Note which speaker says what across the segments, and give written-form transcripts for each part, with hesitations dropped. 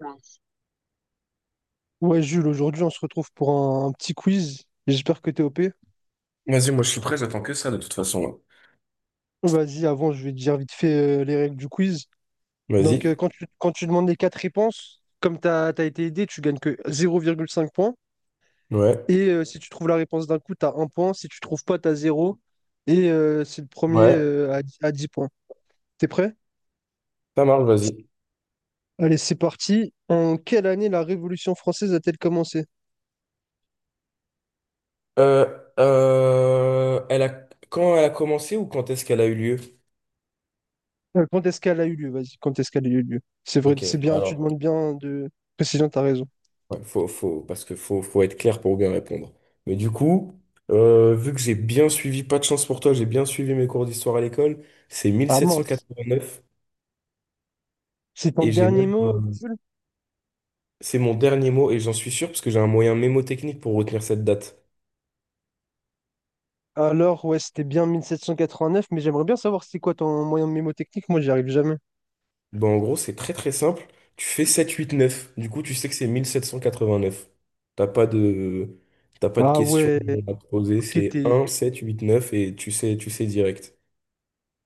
Speaker 1: Ouais, Jules, aujourd'hui, on se retrouve pour un petit quiz. J'espère que t'es OP.
Speaker 2: Vas-y, moi je suis prêt, j'attends que ça de toute façon, là.
Speaker 1: Vas-y, avant, je vais te dire vite fait les règles du quiz. Donc,
Speaker 2: Vas-y.
Speaker 1: quand tu demandes les quatre réponses, comme t'as été aidé, tu gagnes que zéro virgule cinq points.
Speaker 2: Ouais.
Speaker 1: Et si tu trouves la réponse d'un coup, t'as un point. Si tu trouves pas, t'as zéro. Et c'est le premier
Speaker 2: Ouais.
Speaker 1: à 10 points. T'es prêt?
Speaker 2: Ça marche, vas-y.
Speaker 1: Allez, c'est parti. En quelle année la Révolution française a-t-elle commencé?
Speaker 2: Euh, euh, elle a... Quand elle a commencé ou quand est-ce qu'elle a eu lieu?
Speaker 1: Quand est-ce qu'elle a eu lieu? Vas-y, quand est-ce qu'elle a eu lieu? C'est vrai,
Speaker 2: Ok,
Speaker 1: c'est
Speaker 2: bon,
Speaker 1: bien, tu
Speaker 2: alors,
Speaker 1: demandes bien de précision, t'as raison.
Speaker 2: ouais, parce que faut être clair pour bien répondre. Mais du coup, vu que j'ai bien suivi, pas de chance pour toi, j'ai bien suivi mes cours d'histoire à l'école, c'est mille
Speaker 1: Ah
Speaker 2: sept cent
Speaker 1: mince.
Speaker 2: quatre-vingt-neuf
Speaker 1: C'est ton
Speaker 2: et j'ai
Speaker 1: dernier
Speaker 2: même,
Speaker 1: mot,
Speaker 2: un-
Speaker 1: Jules?
Speaker 2: c'est mon dernier mot et j'en suis sûr parce que j'ai un moyen mémotechnique pour retenir cette date.
Speaker 1: Alors, ouais, c'était bien 1789, mais j'aimerais bien savoir c'est quoi ton moyen mnémotechnique. Moi, j'y arrive jamais.
Speaker 2: Ben, en gros, c'est très très simple. Tu fais 789. Du coup, tu sais que c'est 1789. T'as pas de, t'as pas de
Speaker 1: Ah
Speaker 2: questions
Speaker 1: ouais,
Speaker 2: à te poser.
Speaker 1: ok,
Speaker 2: C'est
Speaker 1: t'es
Speaker 2: un 789 et tu sais direct.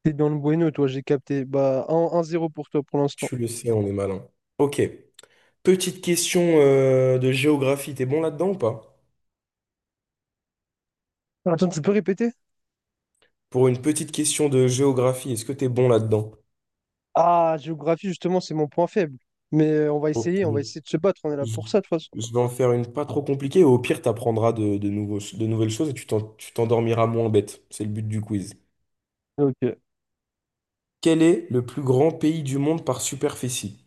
Speaker 1: t'es dans le bueno, toi, j'ai capté. Bah, un zéro pour toi pour l'instant.
Speaker 2: Tu le sais, on est malin. Ok. Petite question de géographie. T'es bon là-dedans ou pas?
Speaker 1: Attends, tu peux répéter?
Speaker 2: Pour une petite question de géographie, est-ce que t'es bon là-dedans?
Speaker 1: Ah, géographie, justement, c'est mon point faible. Mais
Speaker 2: Ok.
Speaker 1: on va
Speaker 2: Je
Speaker 1: essayer de se battre, on est là pour ça, de toute façon.
Speaker 2: je vais en faire une pas trop compliquée. Au pire, t'apprendras de nouvelles choses et tu t'endormiras moins bête. C'est le but du quiz.
Speaker 1: Ok.
Speaker 2: Quel est le plus grand pays du monde par superficie?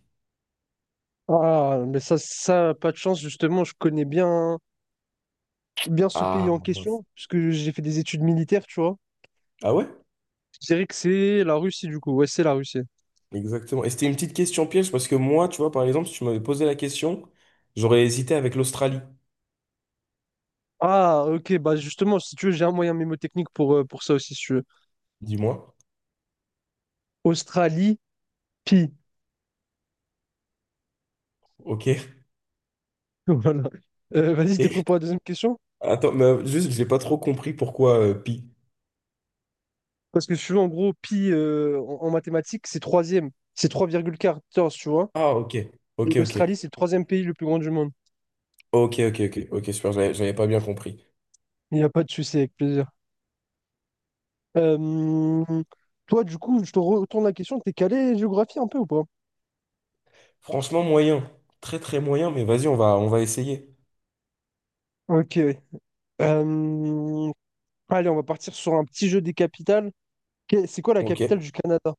Speaker 1: Ah, mais pas de chance, justement, je connais bien ce pays
Speaker 2: Ah,
Speaker 1: en
Speaker 2: mince.
Speaker 1: question, puisque j'ai fait des études militaires, tu vois.
Speaker 2: Ah ouais?
Speaker 1: Je dirais que c'est la Russie, du coup. Ouais, c'est la Russie.
Speaker 2: Exactement. Et c'était une petite question piège parce que moi, tu vois, par exemple, si tu m'avais posé la question, j'aurais hésité avec l'Australie.
Speaker 1: Ah, ok, bah justement, si tu veux, j'ai un moyen mnémotechnique pour ça aussi, si tu veux.
Speaker 2: Dis-moi.
Speaker 1: Australie, pi.
Speaker 2: Ok.
Speaker 1: Voilà. Vas-y, t'es
Speaker 2: Et
Speaker 1: prêt pour la deuxième question?
Speaker 2: attends, mais juste, j'ai pas trop compris pourquoi pi.
Speaker 1: Parce que si tu veux, en gros, pi en mathématiques, c'est troisième. C'est trois virgule quatorze tu vois.
Speaker 2: Ah, ok.
Speaker 1: Et
Speaker 2: Ok, ok.
Speaker 1: l'Australie, c'est le troisième pays le plus grand du monde.
Speaker 2: Ok, ok, ok. Ok, super, j'avais pas bien compris.
Speaker 1: Il n'y a pas de souci, avec plaisir. Euh, toi, du coup, je te retourne la question. T'es calé géographie un peu ou pas?
Speaker 2: Franchement, moyen. Très, très moyen, mais vas-y, on va essayer.
Speaker 1: Ok. Oui. Euh, allez, on va partir sur un petit jeu des capitales. C'est quoi la
Speaker 2: Ok.
Speaker 1: capitale du Canada?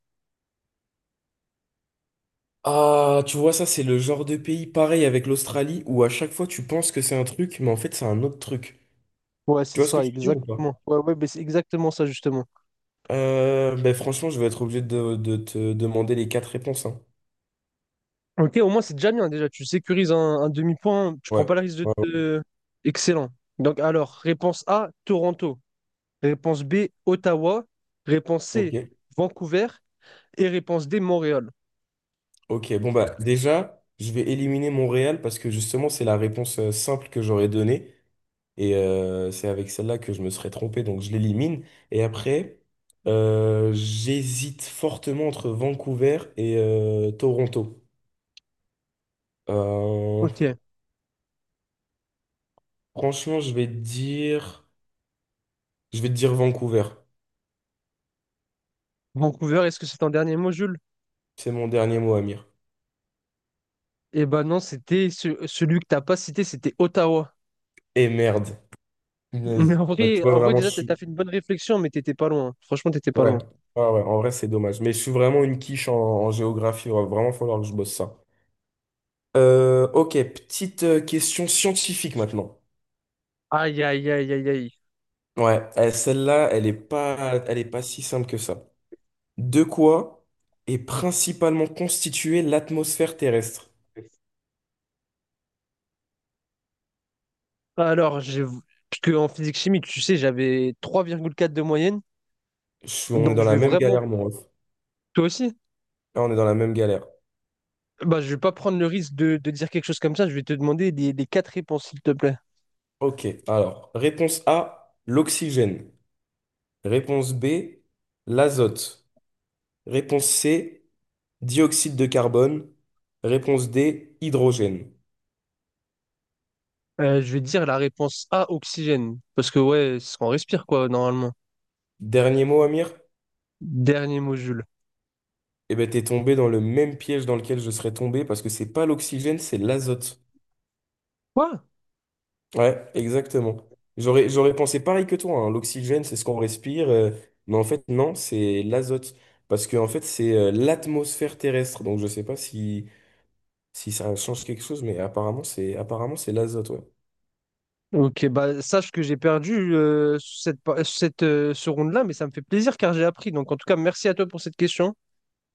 Speaker 2: Ah, tu vois, ça, c'est le genre de pays pareil avec l'Australie où à chaque fois tu penses que c'est un truc, mais en fait, c'est un autre truc.
Speaker 1: Ouais,
Speaker 2: Tu
Speaker 1: c'est
Speaker 2: vois ce que
Speaker 1: ça,
Speaker 2: je veux dire ou pas?
Speaker 1: exactement. Ouais, ouais, ben c'est exactement ça, justement.
Speaker 2: Ben, franchement, je vais être obligé de te demander les quatre réponses, hein.
Speaker 1: Ok, au moins, c'est déjà bien, déjà. Tu sécurises un demi-point, tu prends
Speaker 2: Ouais.
Speaker 1: pas le risque de
Speaker 2: Ouais, ouais.
Speaker 1: te... Excellent. Donc, alors, réponse A, Toronto. Réponse B, Ottawa. Réponse C,
Speaker 2: Ok.
Speaker 1: Vancouver. Et réponse D, Montréal.
Speaker 2: Ok. Bon, bah, déjà, je vais éliminer Montréal parce que justement, c'est la réponse simple que j'aurais donnée. Et c'est avec celle-là que je me serais trompé, donc je l'élimine. Et après, j'hésite fortement entre Vancouver et Toronto. Euh,
Speaker 1: Ok.
Speaker 2: Franchement, je vais te dire Vancouver.
Speaker 1: Vancouver, est-ce que c'est ton dernier mot, Jules?
Speaker 2: C'est mon dernier mot, Amir.
Speaker 1: Eh ben non, c'était celui que t'as pas cité, c'était Ottawa.
Speaker 2: Et merde.
Speaker 1: Mais
Speaker 2: Punaise. Bah, tu vois,
Speaker 1: en vrai
Speaker 2: vraiment, je
Speaker 1: déjà, t'as
Speaker 2: suis...
Speaker 1: fait une bonne réflexion, mais t'étais pas loin. Franchement, t'étais pas
Speaker 2: Ouais.
Speaker 1: loin.
Speaker 2: Ah ouais, en vrai, c'est dommage. Mais je suis vraiment une quiche en géographie. Il va vraiment falloir que je bosse ça. Ok, petite question scientifique maintenant.
Speaker 1: Aïe, aïe, aïe, aïe, aïe.
Speaker 2: Ouais, celle-là, elle est pas si simple que ça. De quoi est principalement constituée l'atmosphère terrestre?
Speaker 1: Alors, j'ai... parce qu'en physique chimie, tu sais, j'avais trois virgule quatre de moyenne.
Speaker 2: On est
Speaker 1: Donc,
Speaker 2: dans
Speaker 1: je
Speaker 2: la
Speaker 1: vais
Speaker 2: même
Speaker 1: vraiment.
Speaker 2: galère, mon ref.
Speaker 1: Toi aussi?
Speaker 2: Ah, on est dans la même galère.
Speaker 1: Bah, je vais pas prendre le risque de dire quelque chose comme ça. Je vais te demander les quatre réponses, s'il te plaît.
Speaker 2: Ok, alors, réponse A, l'oxygène. Réponse B, l'azote. Réponse C, dioxyde de carbone. Réponse D, hydrogène.
Speaker 1: Je vais dire la réponse A, oxygène. Parce que, ouais, c'est ce qu'on respire, quoi, normalement.
Speaker 2: Dernier mot, Amir?
Speaker 1: Dernier mot, Jules.
Speaker 2: Eh ben, t'es tombé dans le même piège dans lequel je serais tombé parce que c'est pas l'oxygène, c'est l'azote.
Speaker 1: Quoi?
Speaker 2: Ouais, exactement. J'aurais pensé pareil que toi, hein. L'oxygène, c'est ce qu'on respire, mais en fait, non, c'est l'azote. Parce que, en fait, c'est l'atmosphère terrestre. Donc, je sais pas si ça change quelque chose, mais apparemment, c'est l'azote, ouais.
Speaker 1: Ok, bah sache que j'ai perdu ce round-là, mais ça me fait plaisir car j'ai appris. Donc en tout cas, merci à toi pour cette question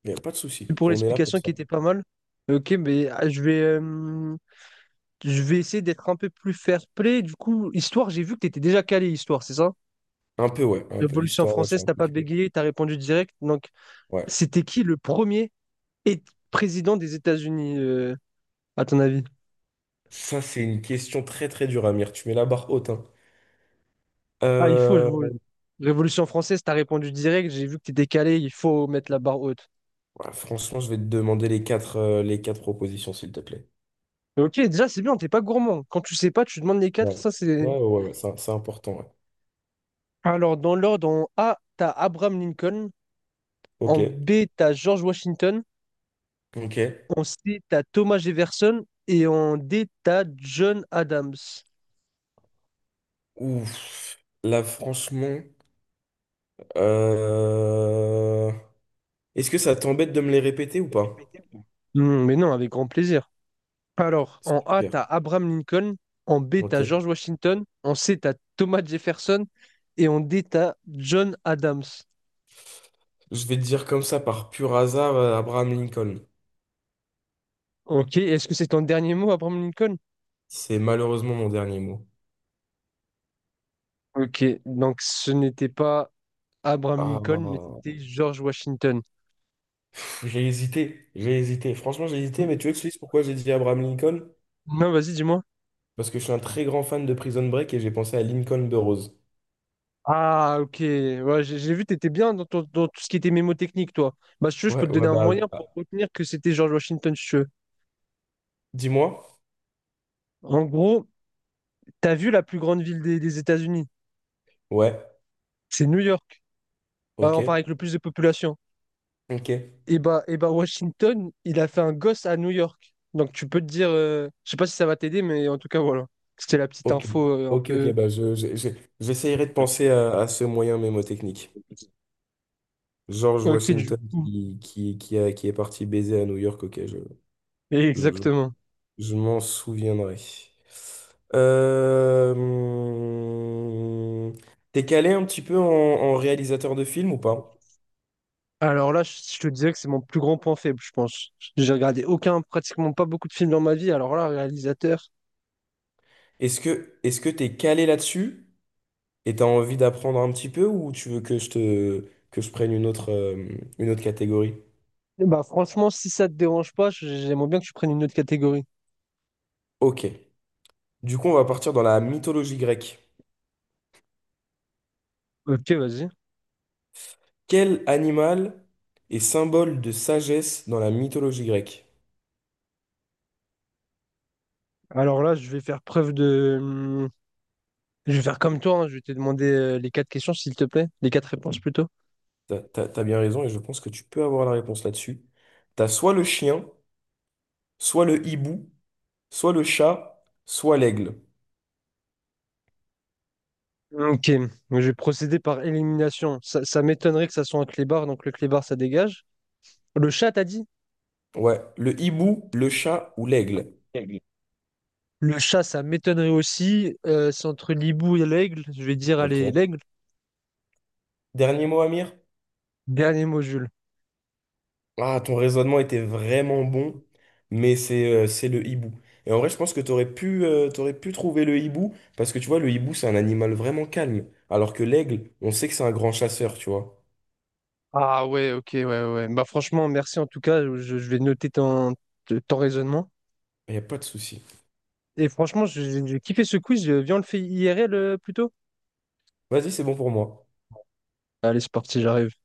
Speaker 2: Il n'y a pas de
Speaker 1: et
Speaker 2: souci.
Speaker 1: pour
Speaker 2: On est là pour
Speaker 1: l'explication qui
Speaker 2: ça.
Speaker 1: était pas mal. Ok, mais ah, je vais essayer d'être un peu plus fair-play. Du coup, histoire, j'ai vu que tu étais déjà calé histoire, c'est ça?
Speaker 2: Un peu, ouais. Un peu.
Speaker 1: Révolution
Speaker 2: Histoire, ouais, je suis
Speaker 1: française,
Speaker 2: un
Speaker 1: t'as
Speaker 2: peu
Speaker 1: pas
Speaker 2: culé.
Speaker 1: bégayé, t'as répondu direct. Donc
Speaker 2: Ouais.
Speaker 1: c'était qui le premier é- président des États-Unis, à ton avis?
Speaker 2: Ça, c'est une question très très dure, Amir. Tu mets la barre haute, hein.
Speaker 1: Ah, il faut, je
Speaker 2: Euh,
Speaker 1: vous... Révolution française, t'as répondu direct. J'ai vu que t'étais calé, il faut mettre la barre haute.
Speaker 2: ouais, franchement, je vais te demander les quatre propositions, s'il te plaît.
Speaker 1: Mais ok, déjà, c'est bien, t'es pas gourmand. Quand tu sais pas, tu demandes les quatre.
Speaker 2: Ouais.
Speaker 1: Ça, c'est.
Speaker 2: Ouais, ouais, ouais, ouais, c'est important, ouais.
Speaker 1: Alors, dans l'ordre, en A, t'as Abraham Lincoln. En
Speaker 2: Ok.
Speaker 1: B, t'as George Washington.
Speaker 2: Ok.
Speaker 1: En C, t'as Thomas Jefferson. Et en D, t'as John Adams.
Speaker 2: Ouf. Là, franchement. euh, Est-ce que ça t'embête de me les répéter ou pas?
Speaker 1: Hmm, mais non, avec grand plaisir. Alors, en A,
Speaker 2: Super.
Speaker 1: t'as Abraham Lincoln. En B,
Speaker 2: Ok.
Speaker 1: t'as George Washington. En C, t'as Thomas Jefferson. Et en D, t'as John Adams.
Speaker 2: Je vais te dire comme ça, par pur hasard, Abraham Lincoln.
Speaker 1: Ok, est-ce que c'est ton dernier mot, Abraham Lincoln?
Speaker 2: C'est malheureusement mon dernier mot.
Speaker 1: Ok, donc ce n'était pas Abraham
Speaker 2: Ah,
Speaker 1: Lincoln, mais c'était George Washington.
Speaker 2: pff, j'ai hésité, j'ai hésité. Franchement, j'ai hésité, mais tu veux que je te dise pourquoi j'ai dit Abraham Lincoln?
Speaker 1: Non, vas-y, dis-moi.
Speaker 2: Parce que je suis un très grand fan de Prison Break et j'ai pensé à Lincoln de Rose.
Speaker 1: Ah, ok. Ouais, j'ai vu, t'étais bien dans tout ce qui était mémotechnique, toi. Bah, si tu veux, je peux
Speaker 2: Ouais,
Speaker 1: te donner
Speaker 2: ouais,
Speaker 1: un
Speaker 2: bah,
Speaker 1: moyen pour
Speaker 2: ah,
Speaker 1: retenir que c'était George Washington, si tu veux.
Speaker 2: dis-moi.
Speaker 1: En gros, t'as vu la plus grande ville des États-Unis?
Speaker 2: Ouais,
Speaker 1: C'est New York.
Speaker 2: ok,
Speaker 1: Enfin, avec le plus de population.
Speaker 2: ok,
Speaker 1: Et bah, Washington, il a fait un gosse à New York. Donc, tu peux te dire, je sais pas si ça va t'aider, mais en tout cas, voilà. C'était la petite
Speaker 2: ok,
Speaker 1: info un
Speaker 2: ok, ok,
Speaker 1: peu.
Speaker 2: bah, j'essayerai de penser à ce moyen mnémotechnique. George
Speaker 1: Ok, du
Speaker 2: Washington
Speaker 1: coup.
Speaker 2: qui est parti baiser à New York, ok, je, je
Speaker 1: Exactement.
Speaker 2: Je m'en souviendrai. Euh... hum, T'es calé un petit peu en réalisateur de films ou pas?
Speaker 1: Alors là, je te disais que c'est mon plus grand point faible, je pense. J'ai regardé aucun, pratiquement pas beaucoup de films dans ma vie. Alors là, réalisateur,
Speaker 2: Est-ce que t'es calé là-dessus et t'as envie d'apprendre un petit peu ou tu veux que je prenne une autre catégorie?
Speaker 1: eh bah franchement, si ça te dérange pas, j'aimerais bien que tu prennes une autre catégorie.
Speaker 2: Ok. Du coup, on va partir dans la mythologie grecque.
Speaker 1: Ok, vas-y.
Speaker 2: Quel animal est symbole de sagesse dans la mythologie grecque?
Speaker 1: Alors là, je vais faire preuve de... je vais faire comme toi, hein, je vais te demander les quatre questions, s'il te plaît. Les quatre réponses plutôt.
Speaker 2: T'as bien raison et je pense que tu peux avoir la réponse là-dessus. T'as soit le chien, soit le hibou, soit le chat, soit l'aigle.
Speaker 1: Ok, je vais procéder par élimination. Ça m'étonnerait que ça soit un clébard, donc le clébard, ça dégage. Le chat, t'as dit?
Speaker 2: Ouais, le hibou, le chat ou l'aigle.
Speaker 1: Aigle. Le chat, ça m'étonnerait aussi. C'est entre l'hibou et l'aigle. Je vais dire, allez,
Speaker 2: Ok.
Speaker 1: l'aigle.
Speaker 2: Dernier mot, Amir?
Speaker 1: Dernier mot, Jules.
Speaker 2: Ah, ton raisonnement était vraiment bon, mais c'est le hibou. Et en vrai, je pense que t'aurais pu trouver le hibou, parce que tu vois, le hibou, c'est un animal vraiment calme, alors que l'aigle, on sait que c'est un grand chasseur, tu vois.
Speaker 1: Ah ouais, ok, ouais, ouais. Bah franchement, merci en tout cas. Je vais noter ton raisonnement.
Speaker 2: Il n'y a pas de souci.
Speaker 1: Et franchement, j'ai kiffé ce quiz. Viens, on le fait IRL plutôt.
Speaker 2: Vas-y, c'est bon pour moi.
Speaker 1: Allez, c'est parti, j'arrive.